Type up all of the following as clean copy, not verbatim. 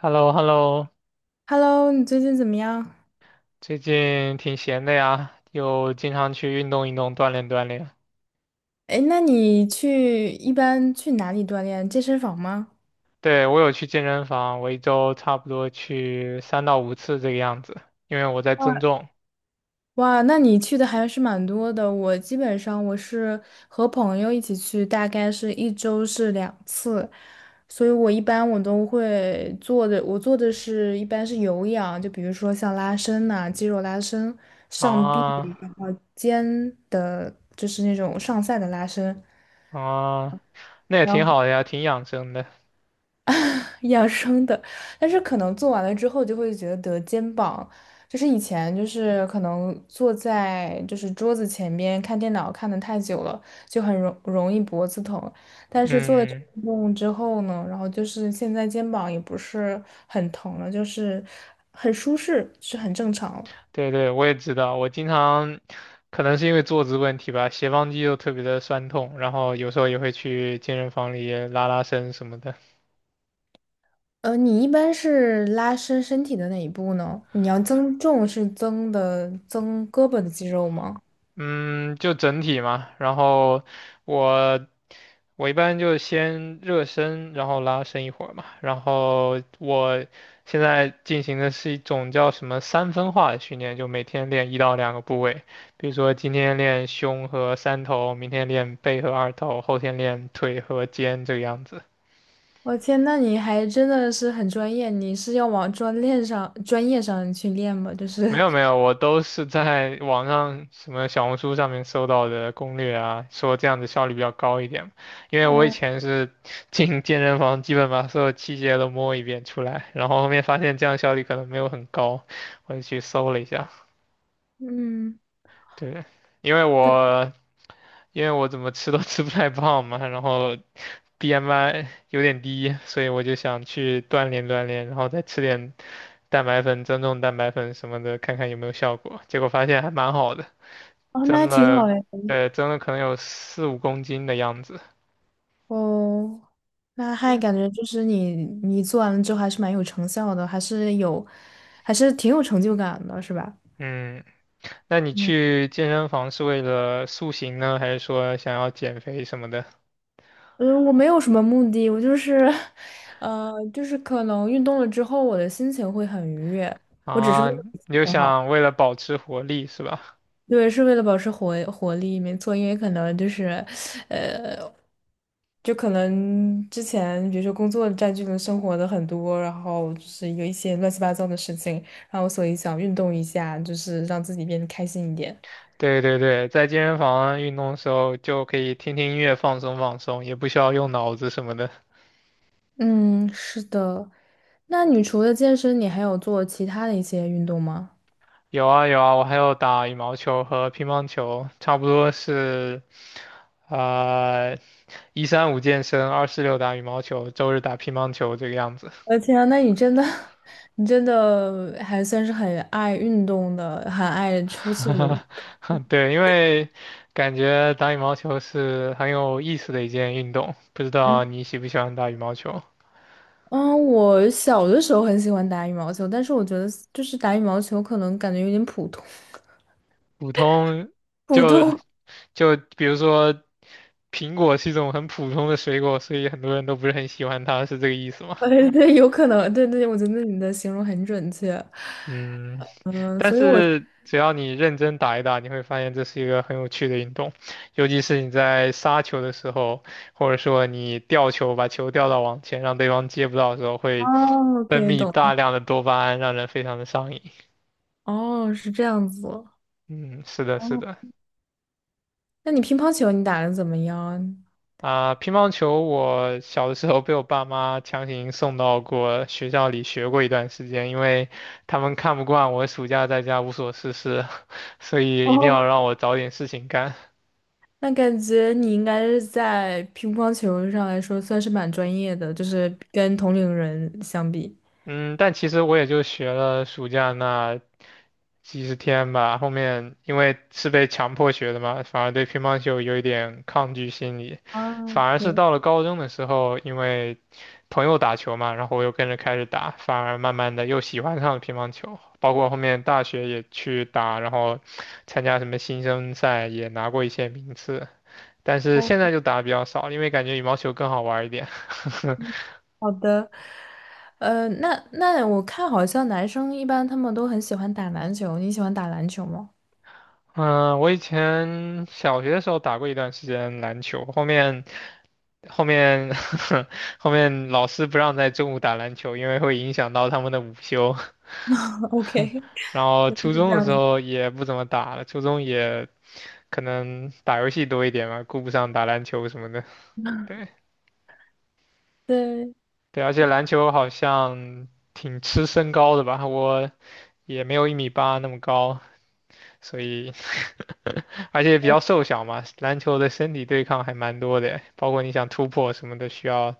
h e l l o h e l l o Hello，你最近怎么样？最近挺闲的呀，又经常去运动运动，锻炼锻炼。哎，那你去一般去哪里锻炼？健身房吗？对，我有去健身房，我一周差不多去3到5次这个样子，因为我在增重。哇，那你去的还是蛮多的。我基本上是和朋友一起去，大概一周是2次，所以我一般都会做的，我做的一般是有氧，就比如说像拉伸呐、肌肉拉伸、上臂、啊肩上下的拉伸。啊，那也挺好的呀，挺养生的。养生的，但是可能做完了之后就会觉得肩膀，就是以前就是可能坐在就是桌子前边看电脑看的太久了，就很容易脖子疼，但是做了这个嗯，运动之后呢，然后就是现在肩膀也不是很疼了，就是很舒适，是很正常了。对对，我也知道，我经常可能是因为坐姿问题吧，斜方肌又特别的酸痛，然后有时候也会去健身房里拉拉伸什么的。你一般是拉伸身体的哪一步呢？你要增重是增的增胳膊的肌肉吗？嗯，就整体嘛，然后我我一般就先热身，然后拉伸一会儿嘛，然后我现在进行的是一种叫什么三分化的训练，就每天练1到2个部位，比如说今天练胸和三头，明天练背和二头，后天练腿和肩这个样子。我天，那你还真的是很专业，你是要往专练上、专业上去练吗？就是 没有没有，我都是在网上什么小红书上面搜到的攻略啊，说这样子效率比较高一点嘛因 为我以哦，前是 进健身房，基本把所有器械都摸一遍出来，然后后面发现这样效率可能没有很高，我就去搜了一下。嗯，对，因为我因为我怎么吃都 吃不太胖嘛，然后 BMI 有点低，所以我就想去锻炼锻炼，然后再吃点蛋白粉、增重蛋白粉什么的，看看有没有效果。结果发现还蛮好的。哦，那还增挺了，好嘞。增了可能有4、5公斤的样子。哦，那还对，感觉就是你做完了之后还是蛮有成效的，还是有，还是挺有成就感的，是吧？嗯，那你嗯，去健身房是为了塑形呢，还是说想要减肥什么的？嗯，我没有什么目的，我就是，就是可能运动了之后，我的心情会很愉悦，我只是为啊，了心你就情好。想为了保持活力是吧？对，是为了保持活力，没错，因为可能就是，呃，就可能之前比如说工作占据了生活的很多，然后就是有一些乱七八糟的事情，然后所以想运动一下，就是让自己变得开心一点。对对对，在健身房运动的时候就可以听听音乐放松放松，也不需要用脑子什么的。嗯，是的。那你除了健身，你还有做其他的一些运动吗？有啊有啊，我还有打羽毛球和乒乓球，差不多是，呃，1、3、5健身，2、4、6打羽毛球，周日打乒乓球这个样子。我的天啊，那你真的，你真的还算是很爱运动的，很爱出去的。对，因为感觉打羽毛球是很有意思的一件运动，不知道你喜不喜欢打羽毛球？嗯，我小的时候很喜欢打羽毛球，但是我觉得就是打羽毛球可能感觉有点普通，普通普就通，就比如说，苹果是一种很普通的水果，所以很多人都不是很喜欢它，是这个意思吗？对对，有可能，对对，我觉得你的形容很准确，嗯，嗯，但所以我，是只要你认真打一打，你会发现这是一个很有趣的运动，尤其是你在杀球的时候，或者说你吊球把球吊到网前，让对方接不到的时候，会哦分，OK,泌懂大了，量的多巴胺，让人非常的上瘾。哦，是这样子，哦，嗯，是的，是的。那你乒乓球你打的怎么样？啊，乒乓球我小的时候被我爸妈强行送到过学校里学过一段时间，因为他们看不惯我暑假在家无所事事，所以一定要哦，让我找点事情干。那感觉你应该是在乒乓球上来说算是蛮专业的，就是跟同龄人相比。嗯，但其实我也就学了暑假那几十天吧，后面因为是被强迫学的嘛，反而对乒乓球有一点抗拒心理，啊反而是，OK。到了高中的时候，因为朋友打球嘛，然后我又跟着开始打，反而慢慢的又喜欢上了乒乓球，包括后面大学也去打，然后参加什么新生赛也拿过一些名次，但是现在就打的比较少，因为感觉羽毛球更好玩儿一点。好的，那我看好像男生一般他们都很喜欢打篮球，你喜欢打篮球吗？嗯，我以前小学的时候打过一段时间篮球，后面 后面老师不让在中午打篮球，因为会影响到他们的午休。OK,然后初中的时候也不怎么打了，初中也可能打游戏多一点嘛，顾不上打篮球什么的。对对，对，而且篮球好像挺吃身高的吧，我也没有1米8那么高，所以而且比较瘦小嘛，篮球的身体对抗还蛮多的，包括你想突破什么的需要。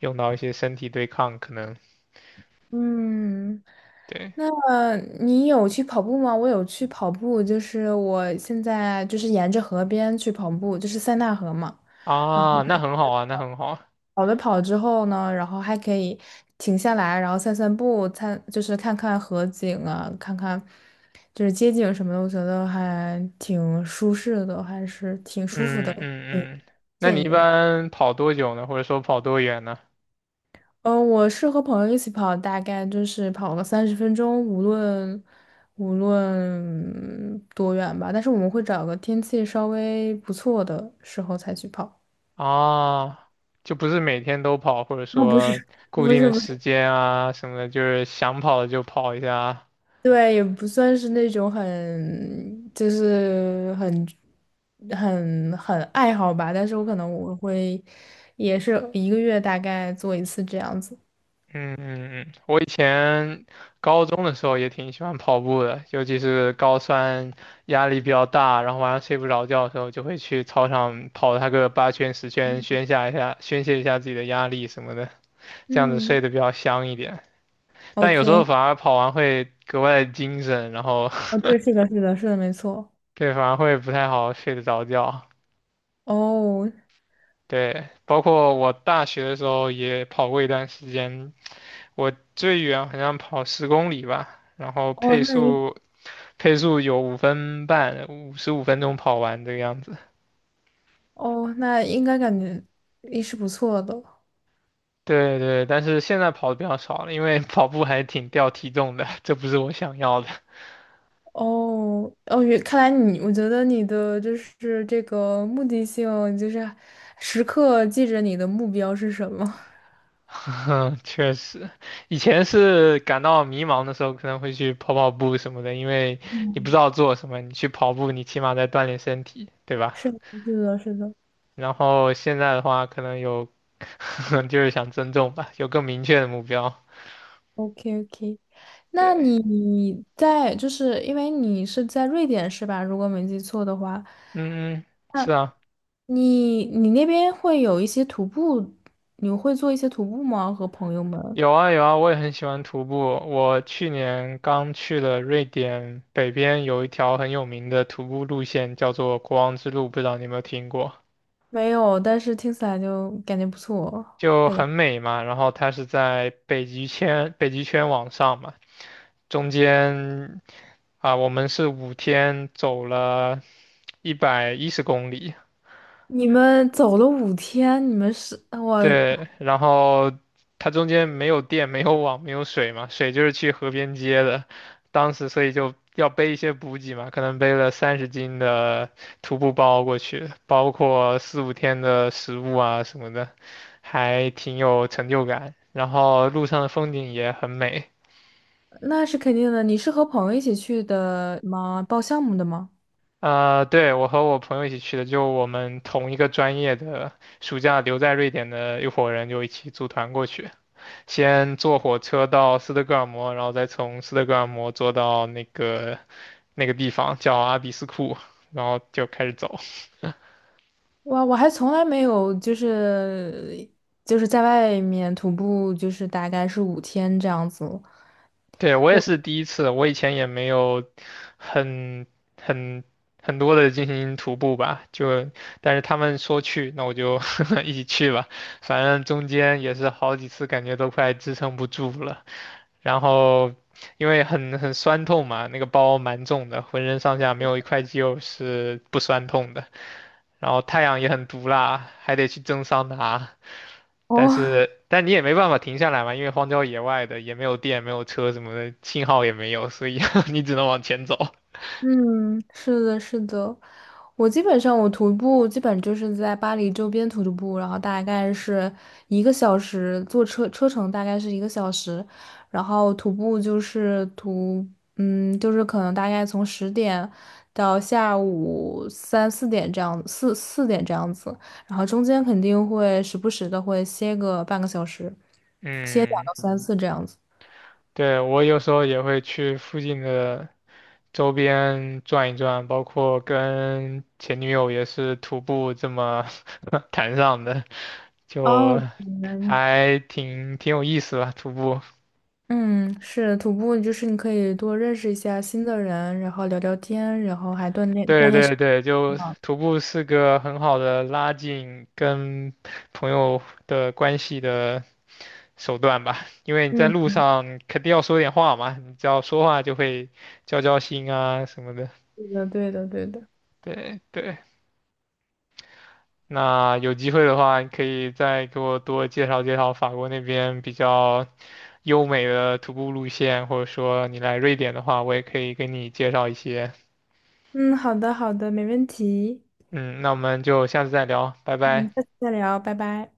用到一些身体对抗，可能嗯，对那你有去跑步吗？我有去跑步，就是我现在就是沿着河边去跑步，就是塞纳河嘛。啊，那很好啊，那很好啊。跑之后呢，然后还可以停下来，然后散散步，看就是看看河景啊，看看就是街景什么的，我觉得还挺舒适的，还是挺舒服的，嗯挺嗯嗯，那惬你意一的。般跑多久呢？或者说跑多远呢？我是和朋友一起跑，大概就是跑个30分钟，无论多远吧。但是我们会找个天气稍微不错的时候才去跑。啊，就不是每天都跑，或者啊，不是，说 固不定是，的不是，时间啊什么的，就是想跑就跑一下啊，对，也不算是那种很，就是很，很很爱好吧。但是我可能我会，也是1个月大概做一次这样子。嗯嗯嗯，我以前高中的时候也挺喜欢跑步的，尤其是高三压力比较大，然后晚上睡不着觉的时候，就会去操场跑它个8圈10圈，宣泄一下宣泄一下自己的压力什么的，这样子嗯睡得比较香一点。但有时候，OK,反而跑完会格外的精神，然后 哦，对，是的，是的，是的，没错。对，反而会不太好睡得着觉。哦，对，包括我大学的时候也跑过一段时间，我最远好像跑十公里吧，然后哦，配那你，速。配速有5分半，55分钟跑完这个样子。哦，那应该感觉也是不错的。对对，但是现在跑的比较少了，因为跑步还挺掉体重的，这不是我想要的。哦，哦，看来你，我觉得你的就是这个目的性，就是时刻记着你的目标是什么。确实，以前是感到迷茫的时候，可能会去跑跑步什么的，因为你不知嗯，道做什么，你去跑步，你起码在锻炼身体，对吧？是的，是的，是的然后现在的话，可能有，就是想增重吧，有更明确的目标。，OK OK。那对，你在就是因为你是在瑞典是吧？如果没记错的话，嗯，是那啊。你那边会有一些徒步，你会做一些徒步吗？和朋友们？有啊有啊，我也很喜欢徒步。我去年刚去了瑞典北边，有一条很有名的徒步路线，叫做国王之路，不知道你有没有听过？没有，但是听起来就感觉不错就的呀。很美嘛。然后它是在北极圈往上嘛，中间啊，我们是五天走了110公里，你们走了五天。你们是我对，然后它中间没有电、没有网、没有水嘛，水就是去河边接的。当时所以就要背一些补给嘛，可能背了30斤的徒步包过去，包括4、5天的食物啊什么的，还挺有成就感。然后路上的风景也很美。那是肯定的。你是和朋友一起去的吗？报项目的吗？啊。对，我和我朋友一起去的，就我们同一个专业的，暑假留在瑞典的一伙人就一起组团过去。先坐火车到斯德哥尔摩，然后再从斯德哥尔摩坐到那个地方叫阿比斯库，然后就开始走。哇，我还从来没有就是在外面徒步，就是大概是五天这样子。对，我也是第一次，我以前也没有很很很多的进行徒步吧，就但是他们说去，那我就 一起去吧。反正中间也是好几次，感觉都快支撑不住了，然后。因为很酸痛嘛，那个包蛮重的，浑身上下没有一块肌肉是不酸痛的。然后太阳也很毒辣，还得去蒸桑拿。但哦，是，但你也没办法停下来嘛，因为荒郊野外的，也没有电，没有车什么的，信号也没有，所以 你只能往前走。嗯，是的，是的。我基本上徒步基本就是在巴黎周边徒步，然后大概是一个小时，坐车车程大概是一个小时，然后徒步就是就是可能大概从10点到下午三四点这样，四点这样子，然后中间肯定会时不时的会歇个半个小时，歇两嗯，到三次这样子。对，我有时候也会去附近的周边转一转，包括跟前女友也是徒步这么 谈上的，就哦，还挺有意思吧，徒步。嗯，是徒步，就是你可以多认识一下新的人，然后聊聊天，然后还锻炼锻对炼身。对对，就徒步是个很好的拉近跟朋友的关系的手段吧，因为你在嗯，路上肯定要说点话嘛，你只要说话就会交心啊什么的。对的，对的，对的。对对，那有机会的话，你可以再给我多介绍介绍法国那边比较优美的徒步路线，或者说你来瑞典的话，我也可以给你介绍一些。嗯，好的，好的，没问题。嗯，那我们就下次再聊，拜拜。嗯，下次再聊，拜拜。